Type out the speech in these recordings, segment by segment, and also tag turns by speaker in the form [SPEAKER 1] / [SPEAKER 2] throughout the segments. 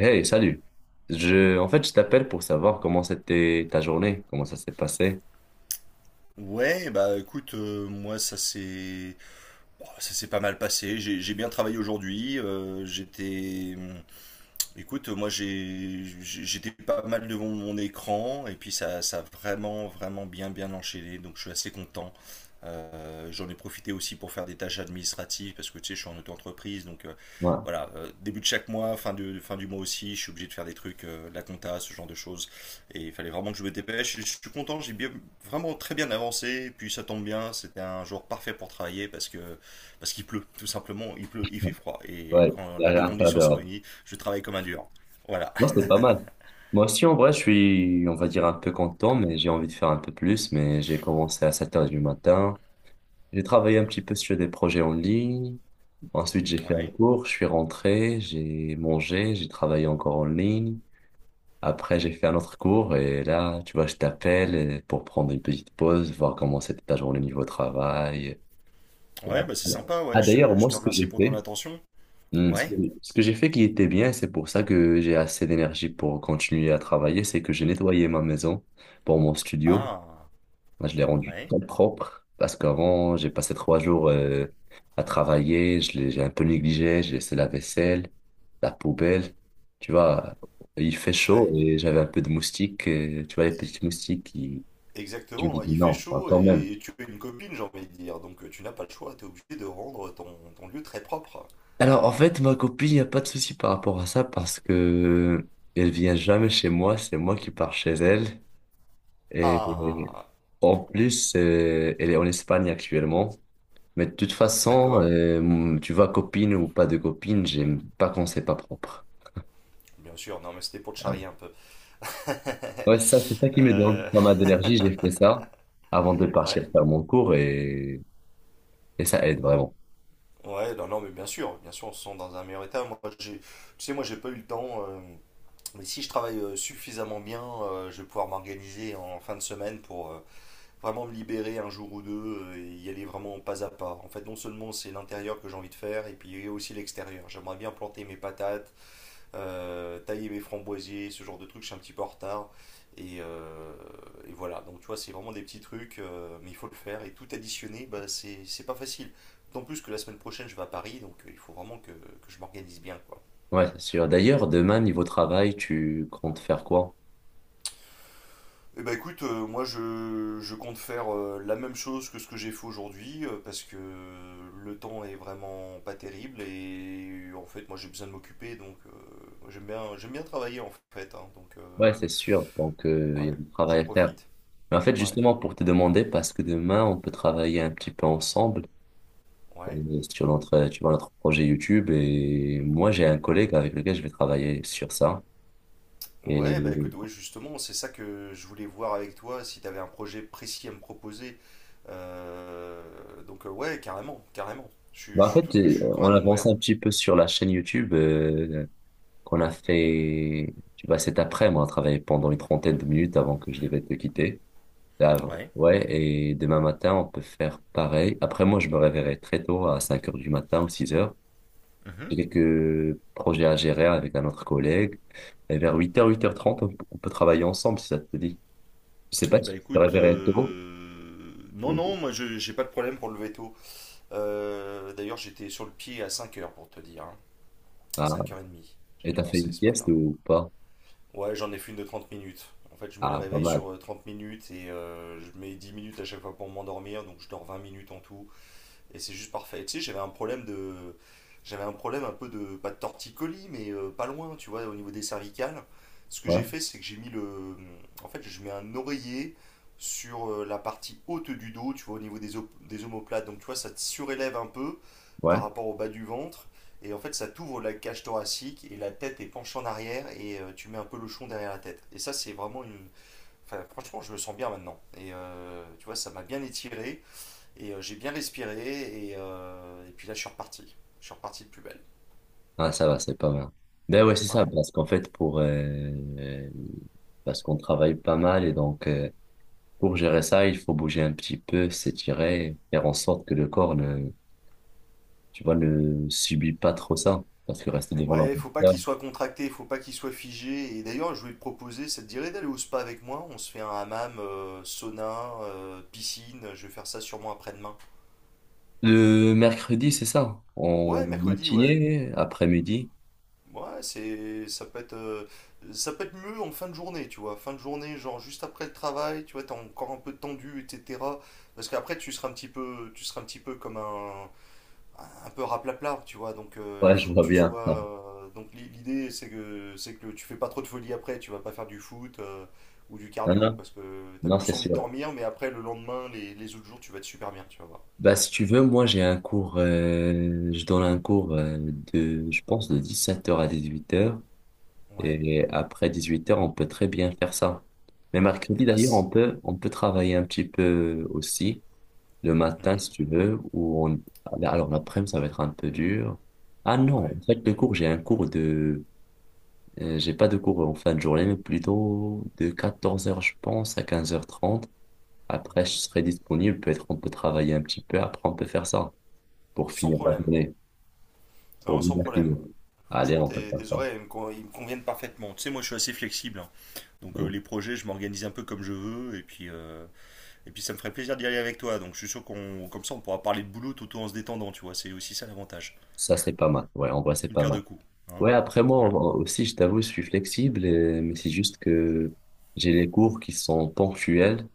[SPEAKER 1] Hey, salut. En fait, je t'appelle pour savoir comment c'était ta journée, comment ça s'est passé.
[SPEAKER 2] Ouais, bah écoute, moi ça s'est pas mal passé. J'ai bien travaillé aujourd'hui. J'étais Écoute, moi j'étais pas mal devant mon écran et puis ça a vraiment vraiment bien bien enchaîné, donc je suis assez content. J'en ai profité aussi pour faire des tâches administratives parce que tu sais je suis en auto-entreprise, donc
[SPEAKER 1] Ouais,
[SPEAKER 2] voilà. Début de chaque mois, fin du mois aussi, je suis obligé de faire des trucs, de la compta, ce genre de choses, et il fallait vraiment que je me dépêche. Je suis content, j'ai bien vraiment très bien avancé, et puis ça tombe bien, c'était un jour parfait pour travailler parce que parce qu'il pleut tout simplement, il pleut, il fait froid, et
[SPEAKER 1] ouais,
[SPEAKER 2] quand
[SPEAKER 1] il y a
[SPEAKER 2] les
[SPEAKER 1] rien
[SPEAKER 2] deux
[SPEAKER 1] à faire
[SPEAKER 2] conditions sont
[SPEAKER 1] dehors.
[SPEAKER 2] réunies, je travaille comme un dur. Voilà.
[SPEAKER 1] Non, c'était pas mal. Moi aussi, en vrai, je suis, on va dire, un peu content, mais j'ai envie de faire un peu plus. Mais j'ai commencé à 7 heures du matin. J'ai travaillé un petit peu sur des projets en ligne. Ensuite, j'ai fait un
[SPEAKER 2] Ouais.
[SPEAKER 1] cours, je suis rentré, j'ai mangé, j'ai travaillé encore en ligne. Après, j'ai fait un autre cours et là, tu vois, je t'appelle pour prendre une petite pause, voir comment c'était ta journée niveau travail. Et
[SPEAKER 2] Ouais,
[SPEAKER 1] après...
[SPEAKER 2] bah c'est sympa,
[SPEAKER 1] Ah,
[SPEAKER 2] ouais.
[SPEAKER 1] d'ailleurs,
[SPEAKER 2] Je
[SPEAKER 1] moi,
[SPEAKER 2] te
[SPEAKER 1] ce que
[SPEAKER 2] remercie
[SPEAKER 1] j'ai
[SPEAKER 2] pour ton
[SPEAKER 1] fait,
[SPEAKER 2] attention.
[SPEAKER 1] hmm, ce que,
[SPEAKER 2] Ouais.
[SPEAKER 1] ce que j'ai fait qui était bien, c'est pour ça que j'ai assez d'énergie pour continuer à travailler, c'est que j'ai nettoyé ma maison pour mon studio.
[SPEAKER 2] Ah.
[SPEAKER 1] Là, je l'ai rendu
[SPEAKER 2] Ouais.
[SPEAKER 1] très propre parce qu'avant, j'ai passé 3 jours à travailler, je l'ai, j'ai un peu négligé, j'ai laissé la vaisselle, la poubelle. Tu vois, il fait chaud
[SPEAKER 2] Ouais.
[SPEAKER 1] et j'avais un peu de moustiques, tu vois, les petits moustiques qui... Je me
[SPEAKER 2] Exactement,
[SPEAKER 1] dis,
[SPEAKER 2] ouais. Il fait
[SPEAKER 1] non,
[SPEAKER 2] chaud,
[SPEAKER 1] quand même.
[SPEAKER 2] et tu es une copine, j'ai envie de dire, donc tu n'as pas le choix, t'es obligé de rendre ton lieu très propre.
[SPEAKER 1] Alors, en fait, ma copine, il n'y a pas de souci par rapport à ça parce que elle vient jamais chez moi, c'est moi qui pars chez elle. Et
[SPEAKER 2] Ah,
[SPEAKER 1] en plus, elle est en Espagne actuellement. Mais de toute façon,
[SPEAKER 2] d'accord,
[SPEAKER 1] tu vois, copine ou pas de copine, j'aime pas quand c'est pas propre.
[SPEAKER 2] bien sûr, non mais c'était pour te
[SPEAKER 1] Euh,
[SPEAKER 2] charrier un peu.
[SPEAKER 1] Ouais, ça, c'est ça qui me donne
[SPEAKER 2] Euh,
[SPEAKER 1] pas mal d'énergie. J'ai fait ça avant de
[SPEAKER 2] ouais,
[SPEAKER 1] partir faire mon cours et ça aide vraiment.
[SPEAKER 2] ouais, non, non mais bien sûr, on se sent dans un meilleur état. Tu sais, moi j'ai pas eu le temps, mais si je travaille suffisamment bien, je vais pouvoir m'organiser en fin de semaine pour vraiment me libérer un jour ou deux, et y aller vraiment pas à pas. En fait, non seulement c'est l'intérieur que j'ai envie de faire, et puis aussi l'extérieur. J'aimerais bien planter mes patates, tailler mes framboisiers, ce genre de trucs, je suis un petit peu en retard. Et, euh, et voilà, donc tu vois, c'est vraiment des petits trucs, mais il faut le faire. Et tout additionner, bah, c'est pas facile. D'autant plus que la semaine prochaine, je vais à Paris, donc il faut vraiment que je m'organise bien, quoi.
[SPEAKER 1] Ouais, c'est sûr. D'ailleurs, demain, niveau travail, tu comptes faire quoi?
[SPEAKER 2] Eh ben écoute, moi je compte faire la même chose que ce que j'ai fait aujourd'hui, parce que le temps est vraiment pas terrible, et en fait moi j'ai besoin de m'occuper, donc j'aime bien travailler en fait, hein, donc
[SPEAKER 1] Ouais, c'est sûr. Donc, il y a
[SPEAKER 2] ouais,
[SPEAKER 1] du travail
[SPEAKER 2] j'en
[SPEAKER 1] à faire.
[SPEAKER 2] profite.
[SPEAKER 1] Mais en fait,
[SPEAKER 2] Ouais,
[SPEAKER 1] justement, pour te demander, parce que demain, on peut travailler un petit peu ensemble
[SPEAKER 2] ouais,
[SPEAKER 1] sur notre, tu vois, notre projet YouTube. Et moi, j'ai un collègue avec lequel je vais travailler sur ça. Et
[SPEAKER 2] ouais, bah écoute, ouais, justement, c'est ça que je voulais voir avec toi si t'avais un projet précis à me proposer. Euh, donc ouais, carrément carrément,
[SPEAKER 1] bah, en fait,
[SPEAKER 2] je suis
[SPEAKER 1] on
[SPEAKER 2] carrément
[SPEAKER 1] avance
[SPEAKER 2] ouvert.
[SPEAKER 1] un petit peu sur la chaîne YouTube qu'on a fait, tu vois, cet après-midi. On a travaillé pendant une trentaine de minutes avant que je devais te quitter. Ah,
[SPEAKER 2] Ouais.
[SPEAKER 1] ouais, et demain matin, on peut faire pareil. Après, moi, je me réveillerai très tôt à 5 heures du matin ou 6 heures.
[SPEAKER 2] Mhm.
[SPEAKER 1] J'ai quelques projets à gérer avec un autre collègue. Et vers 8 heures, 8h30, on peut travailler ensemble si ça te dit. Je sais pas
[SPEAKER 2] Eh ben
[SPEAKER 1] si tu te
[SPEAKER 2] écoute,
[SPEAKER 1] réveillerais tôt
[SPEAKER 2] non, non,
[SPEAKER 1] ou
[SPEAKER 2] moi je j'ai pas de problème pour le veto. D'ailleurs, j'étais sur le pied à 5h pour te dire, hein.
[SPEAKER 1] ah,
[SPEAKER 2] 5h30, j'ai
[SPEAKER 1] et t'as fait
[SPEAKER 2] commencé
[SPEAKER 1] une
[SPEAKER 2] ce
[SPEAKER 1] sieste
[SPEAKER 2] matin.
[SPEAKER 1] ou pas.
[SPEAKER 2] Ouais, j'en ai fait une de 30 minutes. En fait, je mets le
[SPEAKER 1] Ah, pas
[SPEAKER 2] réveil
[SPEAKER 1] mal.
[SPEAKER 2] sur 30 minutes, et je mets 10 minutes à chaque fois pour m'endormir, donc je dors 20 minutes en tout. Et c'est juste parfait. Et tu sais, j'avais un problème de. J'avais un problème un peu de. Pas de torticolis, mais pas loin, tu vois, au niveau des cervicales. Ce que
[SPEAKER 1] Ouais,
[SPEAKER 2] j'ai fait, c'est que j'ai mis le. En fait, je mets un oreiller sur la partie haute du dos, tu vois, au niveau des omoplates. Donc, tu vois, ça te surélève un peu
[SPEAKER 1] ouais.
[SPEAKER 2] par rapport au bas du ventre. Et en fait, ça t'ouvre la cage thoracique et la tête est penchée en arrière, et tu mets un peu le chon derrière la tête. Et ça, c'est vraiment une. Enfin, franchement, je me sens bien maintenant. Et tu vois, ça m'a bien étiré. Et j'ai bien respiré, et puis là, je suis reparti. Je suis reparti de plus belle.
[SPEAKER 1] Ah, ça va, c'est pas mal. Ben ouais, c'est ça,
[SPEAKER 2] Ouais.
[SPEAKER 1] parce qu'en fait, pour parce qu'on travaille pas mal et donc pour gérer ça, il faut bouger un petit peu, s'étirer, faire en sorte que le corps ne, tu vois, ne subit pas trop ça. Parce que rester devant
[SPEAKER 2] Ouais, faut pas qu'il
[SPEAKER 1] l'ordinateur...
[SPEAKER 2] soit contracté, faut pas qu'il soit figé. Et d'ailleurs, je voulais te proposer, ça te dirait d'aller au spa avec moi? On se fait un hammam, sauna, piscine. Je vais faire ça sûrement après-demain.
[SPEAKER 1] Le mercredi, c'est ça? En
[SPEAKER 2] Ouais, mercredi, ouais.
[SPEAKER 1] matinée, après-midi?
[SPEAKER 2] Ouais, ça peut être mieux en fin de journée, tu vois. Fin de journée, genre juste après le travail, tu vois, t'es encore un peu tendu, etc. Parce qu'après, tu seras un petit peu comme un peu raplapla, tu vois. Donc
[SPEAKER 1] Ouais,
[SPEAKER 2] il
[SPEAKER 1] je
[SPEAKER 2] faut que
[SPEAKER 1] vois
[SPEAKER 2] tu
[SPEAKER 1] bien.
[SPEAKER 2] sois.
[SPEAKER 1] Non,
[SPEAKER 2] Donc l'idée, c'est que tu fais pas trop de folie après. Tu vas pas faire du foot, ou du
[SPEAKER 1] non,
[SPEAKER 2] cardio,
[SPEAKER 1] non,
[SPEAKER 2] parce que t'as
[SPEAKER 1] non, c'est
[SPEAKER 2] plus envie de
[SPEAKER 1] sûr.
[SPEAKER 2] dormir, mais après, le lendemain, les autres jours, tu vas être super bien, tu vas voir.
[SPEAKER 1] Bah, si tu veux, moi, j'ai un cours, je donne un cours de, je pense, de 17h à 18h.
[SPEAKER 2] Ouais.
[SPEAKER 1] Et après 18h, on peut très bien faire ça. Mais
[SPEAKER 2] Et
[SPEAKER 1] mercredi,
[SPEAKER 2] bah
[SPEAKER 1] d'ailleurs,
[SPEAKER 2] c-
[SPEAKER 1] on peut travailler un petit peu aussi, le matin, si
[SPEAKER 2] Mhm.
[SPEAKER 1] tu veux, ou on... Alors, l'après-midi, ça va être un peu dur. Ah non,
[SPEAKER 2] Ouais.
[SPEAKER 1] en fait, le cours, j'ai un cours de... j'ai pas de cours en fin de journée, mais plutôt de 14h, je pense, à 15h30. Après, je
[SPEAKER 2] Mhm.
[SPEAKER 1] serai disponible. Peut-être on peut travailler un petit peu. Après, on peut faire ça pour
[SPEAKER 2] Sans
[SPEAKER 1] finir la
[SPEAKER 2] problème.
[SPEAKER 1] journée,
[SPEAKER 2] Non,
[SPEAKER 1] pour
[SPEAKER 2] sans
[SPEAKER 1] bien
[SPEAKER 2] problème.
[SPEAKER 1] finir. Allez,
[SPEAKER 2] Franchement,
[SPEAKER 1] on peut
[SPEAKER 2] tes,
[SPEAKER 1] faire
[SPEAKER 2] tes
[SPEAKER 1] ça.
[SPEAKER 2] horaires, ils me conviennent parfaitement. Tu sais, moi, je suis assez flexible, hein. Donc,
[SPEAKER 1] Bon,
[SPEAKER 2] les projets, je m'organise un peu comme je veux. Et puis, ça me ferait plaisir d'y aller avec toi, donc je suis sûr qu'on, comme ça, on pourra parler de boulot tout en se détendant, tu vois. C'est aussi ça l'avantage.
[SPEAKER 1] ça, c'est pas mal. Ouais, en vrai, c'est
[SPEAKER 2] Une
[SPEAKER 1] pas
[SPEAKER 2] pierre
[SPEAKER 1] mal.
[SPEAKER 2] deux coups, hein.
[SPEAKER 1] Ouais, après, moi
[SPEAKER 2] Voilà.
[SPEAKER 1] aussi, je t'avoue, je suis flexible, mais c'est juste que j'ai les cours qui sont ponctuels.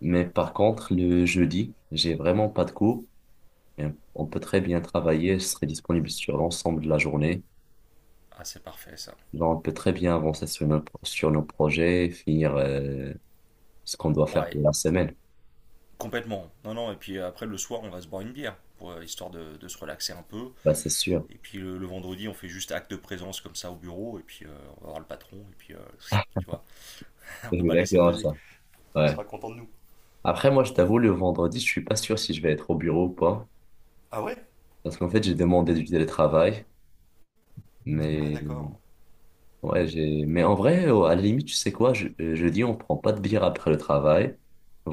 [SPEAKER 1] Mais par contre, le jeudi, j'ai vraiment pas de cours. Et on peut très bien travailler. Je serai disponible sur l'ensemble de la journée.
[SPEAKER 2] Ah, c'est parfait ça.
[SPEAKER 1] Genre, on peut très bien avancer sur nos projets, finir ce qu'on doit faire
[SPEAKER 2] Ouais,
[SPEAKER 1] pour la semaine.
[SPEAKER 2] complètement. Non, non. Et puis après, le soir, on va se boire une bière, pour, histoire de se relaxer un peu.
[SPEAKER 1] Bah, c'est sûr.
[SPEAKER 2] Et puis le vendredi, on fait juste acte de présence comme ça au bureau, et puis on va voir le patron, et puis chut, tu vois,
[SPEAKER 1] C'est
[SPEAKER 2] on va le laisser
[SPEAKER 1] exactement
[SPEAKER 2] peser.
[SPEAKER 1] ça.
[SPEAKER 2] Il
[SPEAKER 1] Ouais.
[SPEAKER 2] sera content de nous.
[SPEAKER 1] Après, moi, je t'avoue, le vendredi, je suis pas sûr si je vais être au bureau ou pas.
[SPEAKER 2] Ah, ouais?
[SPEAKER 1] Parce qu'en fait, j'ai demandé du télétravail.
[SPEAKER 2] Ah,
[SPEAKER 1] Mais,
[SPEAKER 2] d'accord.
[SPEAKER 1] ouais, j'ai... mais en vrai, à la limite, tu sais quoi, jeudi, on prend pas de bière après le travail.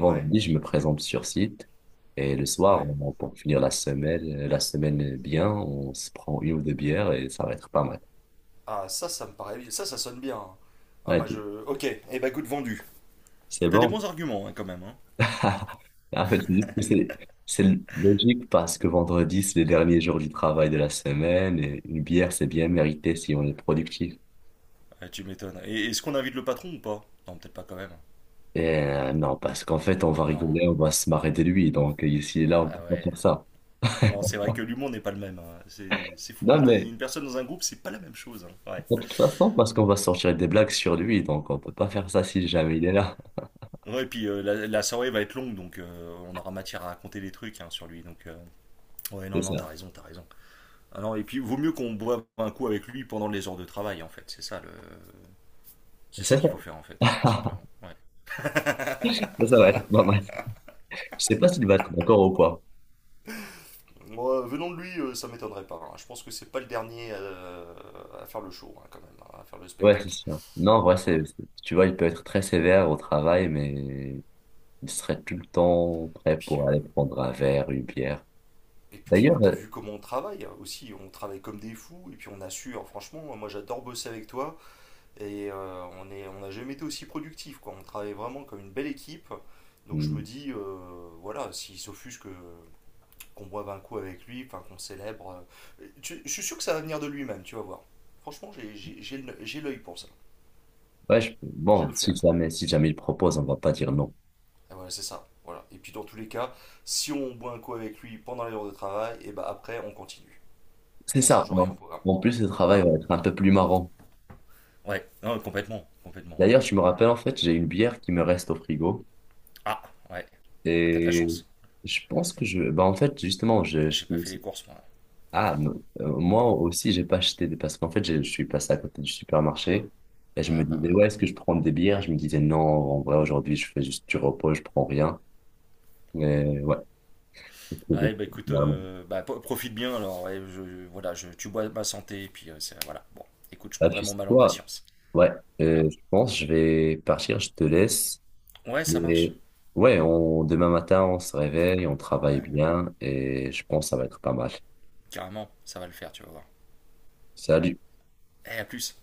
[SPEAKER 2] Ouais,
[SPEAKER 1] je me présente sur site. Et le soir,
[SPEAKER 2] ouais.
[SPEAKER 1] pour finir la semaine bien, on se prend une ou deux bières et ça va être pas mal.
[SPEAKER 2] Ah, ça me paraît bien. Ça sonne bien. Ah,
[SPEAKER 1] Ouais,
[SPEAKER 2] moi je, ok. Eh ben, goût de vendu.
[SPEAKER 1] c'est
[SPEAKER 2] T'as des
[SPEAKER 1] bon.
[SPEAKER 2] bons arguments, hein, quand même. Hein.
[SPEAKER 1] En fait, c'est juste que c'est logique parce que vendredi, c'est le dernier jour du travail de la semaine et une bière, c'est bien mérité si on est productif.
[SPEAKER 2] Ah, tu m'étonnes. Et est-ce qu'on invite le patron ou pas? Non, peut-être pas quand même.
[SPEAKER 1] Et non, parce qu'en fait, on va
[SPEAKER 2] Non,
[SPEAKER 1] rigoler, on va se marrer de lui. Donc, ici et là, on peut
[SPEAKER 2] ah
[SPEAKER 1] pas
[SPEAKER 2] ouais.
[SPEAKER 1] faire ça.
[SPEAKER 2] Non, c'est vrai que l'humour n'est pas le même, hein. C'est fou, hein.
[SPEAKER 1] Non,
[SPEAKER 2] T'as
[SPEAKER 1] mais
[SPEAKER 2] une personne dans un groupe, c'est pas la même chose, hein. Ouais.
[SPEAKER 1] de toute façon, parce qu'on va sortir des blagues sur lui. Donc, on peut pas faire ça si jamais il est là.
[SPEAKER 2] Ouais, et puis la soirée va être longue, donc on aura matière à raconter des trucs, hein, sur lui. Donc, ouais, non,
[SPEAKER 1] C'est
[SPEAKER 2] non, t'as
[SPEAKER 1] ça.
[SPEAKER 2] raison, t'as raison. Ah non, et puis vaut mieux qu'on boive un coup avec lui pendant les heures de travail, en fait. C'est
[SPEAKER 1] C'est
[SPEAKER 2] ça qu'il faut faire, en fait,
[SPEAKER 1] ça.
[SPEAKER 2] tout simplement. Ouais.
[SPEAKER 1] Ça va être pas mal. Je sais pas s'il va être d'accord ou quoi.
[SPEAKER 2] Moi, venant de lui, ça m'étonnerait pas, hein. Je pense que c'est pas le dernier, à faire le show, hein, quand même, hein, à faire le
[SPEAKER 1] Ouais, c'est
[SPEAKER 2] spectacle.
[SPEAKER 1] sûr. Non, en vrai, c'est,
[SPEAKER 2] Ouais.
[SPEAKER 1] c'est- tu vois, il peut être très sévère au travail, mais il serait tout le temps prêt
[SPEAKER 2] Puis,
[SPEAKER 1] pour
[SPEAKER 2] euh,
[SPEAKER 1] aller prendre un verre, une bière.
[SPEAKER 2] Et puis,
[SPEAKER 1] D'ailleurs,
[SPEAKER 2] t'as vu comment on travaille, hein, aussi, on travaille comme des fous, et puis on assure, franchement, moi j'adore bosser avec toi, et on n'a jamais été aussi productif, quoi. On travaille vraiment comme une belle équipe, donc je me
[SPEAKER 1] hmm,
[SPEAKER 2] dis, voilà, s'il s'offusque que qu'on boive un coup avec lui, enfin qu'on célèbre, je suis sûr que ça va venir de lui-même, tu vas voir. Franchement, j'ai l'œil pour ça,
[SPEAKER 1] ouais,
[SPEAKER 2] j'ai
[SPEAKER 1] bon,
[SPEAKER 2] le
[SPEAKER 1] si
[SPEAKER 2] flair.
[SPEAKER 1] jamais, si jamais il propose, on va pas dire non.
[SPEAKER 2] Et voilà, c'est ça, voilà. Et puis dans tous les cas, si on boit un coup avec lui pendant les heures de travail, et ben après on continue,
[SPEAKER 1] C'est
[SPEAKER 2] on
[SPEAKER 1] ça,
[SPEAKER 2] change
[SPEAKER 1] non.
[SPEAKER 2] rien au programme,
[SPEAKER 1] En plus, le travail
[SPEAKER 2] hein.
[SPEAKER 1] va être un peu plus marrant.
[SPEAKER 2] Ouais, non, complètement, complètement.
[SPEAKER 1] D'ailleurs, je me rappelle,
[SPEAKER 2] Et-
[SPEAKER 1] en fait, j'ai une bière qui me reste au frigo.
[SPEAKER 2] Ah, ouais. Ah, t'as de la
[SPEAKER 1] Et
[SPEAKER 2] chance.
[SPEAKER 1] je pense que je... Bah, en fait, justement, je
[SPEAKER 2] J'ai pas fait les
[SPEAKER 1] finissais...
[SPEAKER 2] courses, moi. Ouais.
[SPEAKER 1] Ah, me- moi aussi, j'ai pas acheté des... Parce qu'en fait, je suis passé à côté du supermarché. Et je me
[SPEAKER 2] Ah, bah,
[SPEAKER 1] disais,
[SPEAKER 2] voilà.
[SPEAKER 1] ouais, est-ce que je prends des bières? Je me disais, non, en vrai, aujourd'hui, je fais juste du repos, je prends rien. Mais ouais,
[SPEAKER 2] Ouais, bah écoute,
[SPEAKER 1] finalement.
[SPEAKER 2] bah, profite bien alors. Ouais, voilà, tu bois ma santé, et puis voilà. Bon, écoute, je
[SPEAKER 1] Ah,
[SPEAKER 2] prendrai
[SPEAKER 1] tu
[SPEAKER 2] mon
[SPEAKER 1] sais
[SPEAKER 2] mal en
[SPEAKER 1] quoi?
[SPEAKER 2] patience.
[SPEAKER 1] Ouais,
[SPEAKER 2] Voilà.
[SPEAKER 1] je pense que je vais partir, je te laisse.
[SPEAKER 2] Ouais, ça marche.
[SPEAKER 1] Mais ouais, demain matin, on se réveille, on travaille
[SPEAKER 2] Ouais,
[SPEAKER 1] bien et je pense que ça va être pas mal.
[SPEAKER 2] carrément, ça va le faire, tu vas voir.
[SPEAKER 1] Salut.
[SPEAKER 2] Eh, à plus.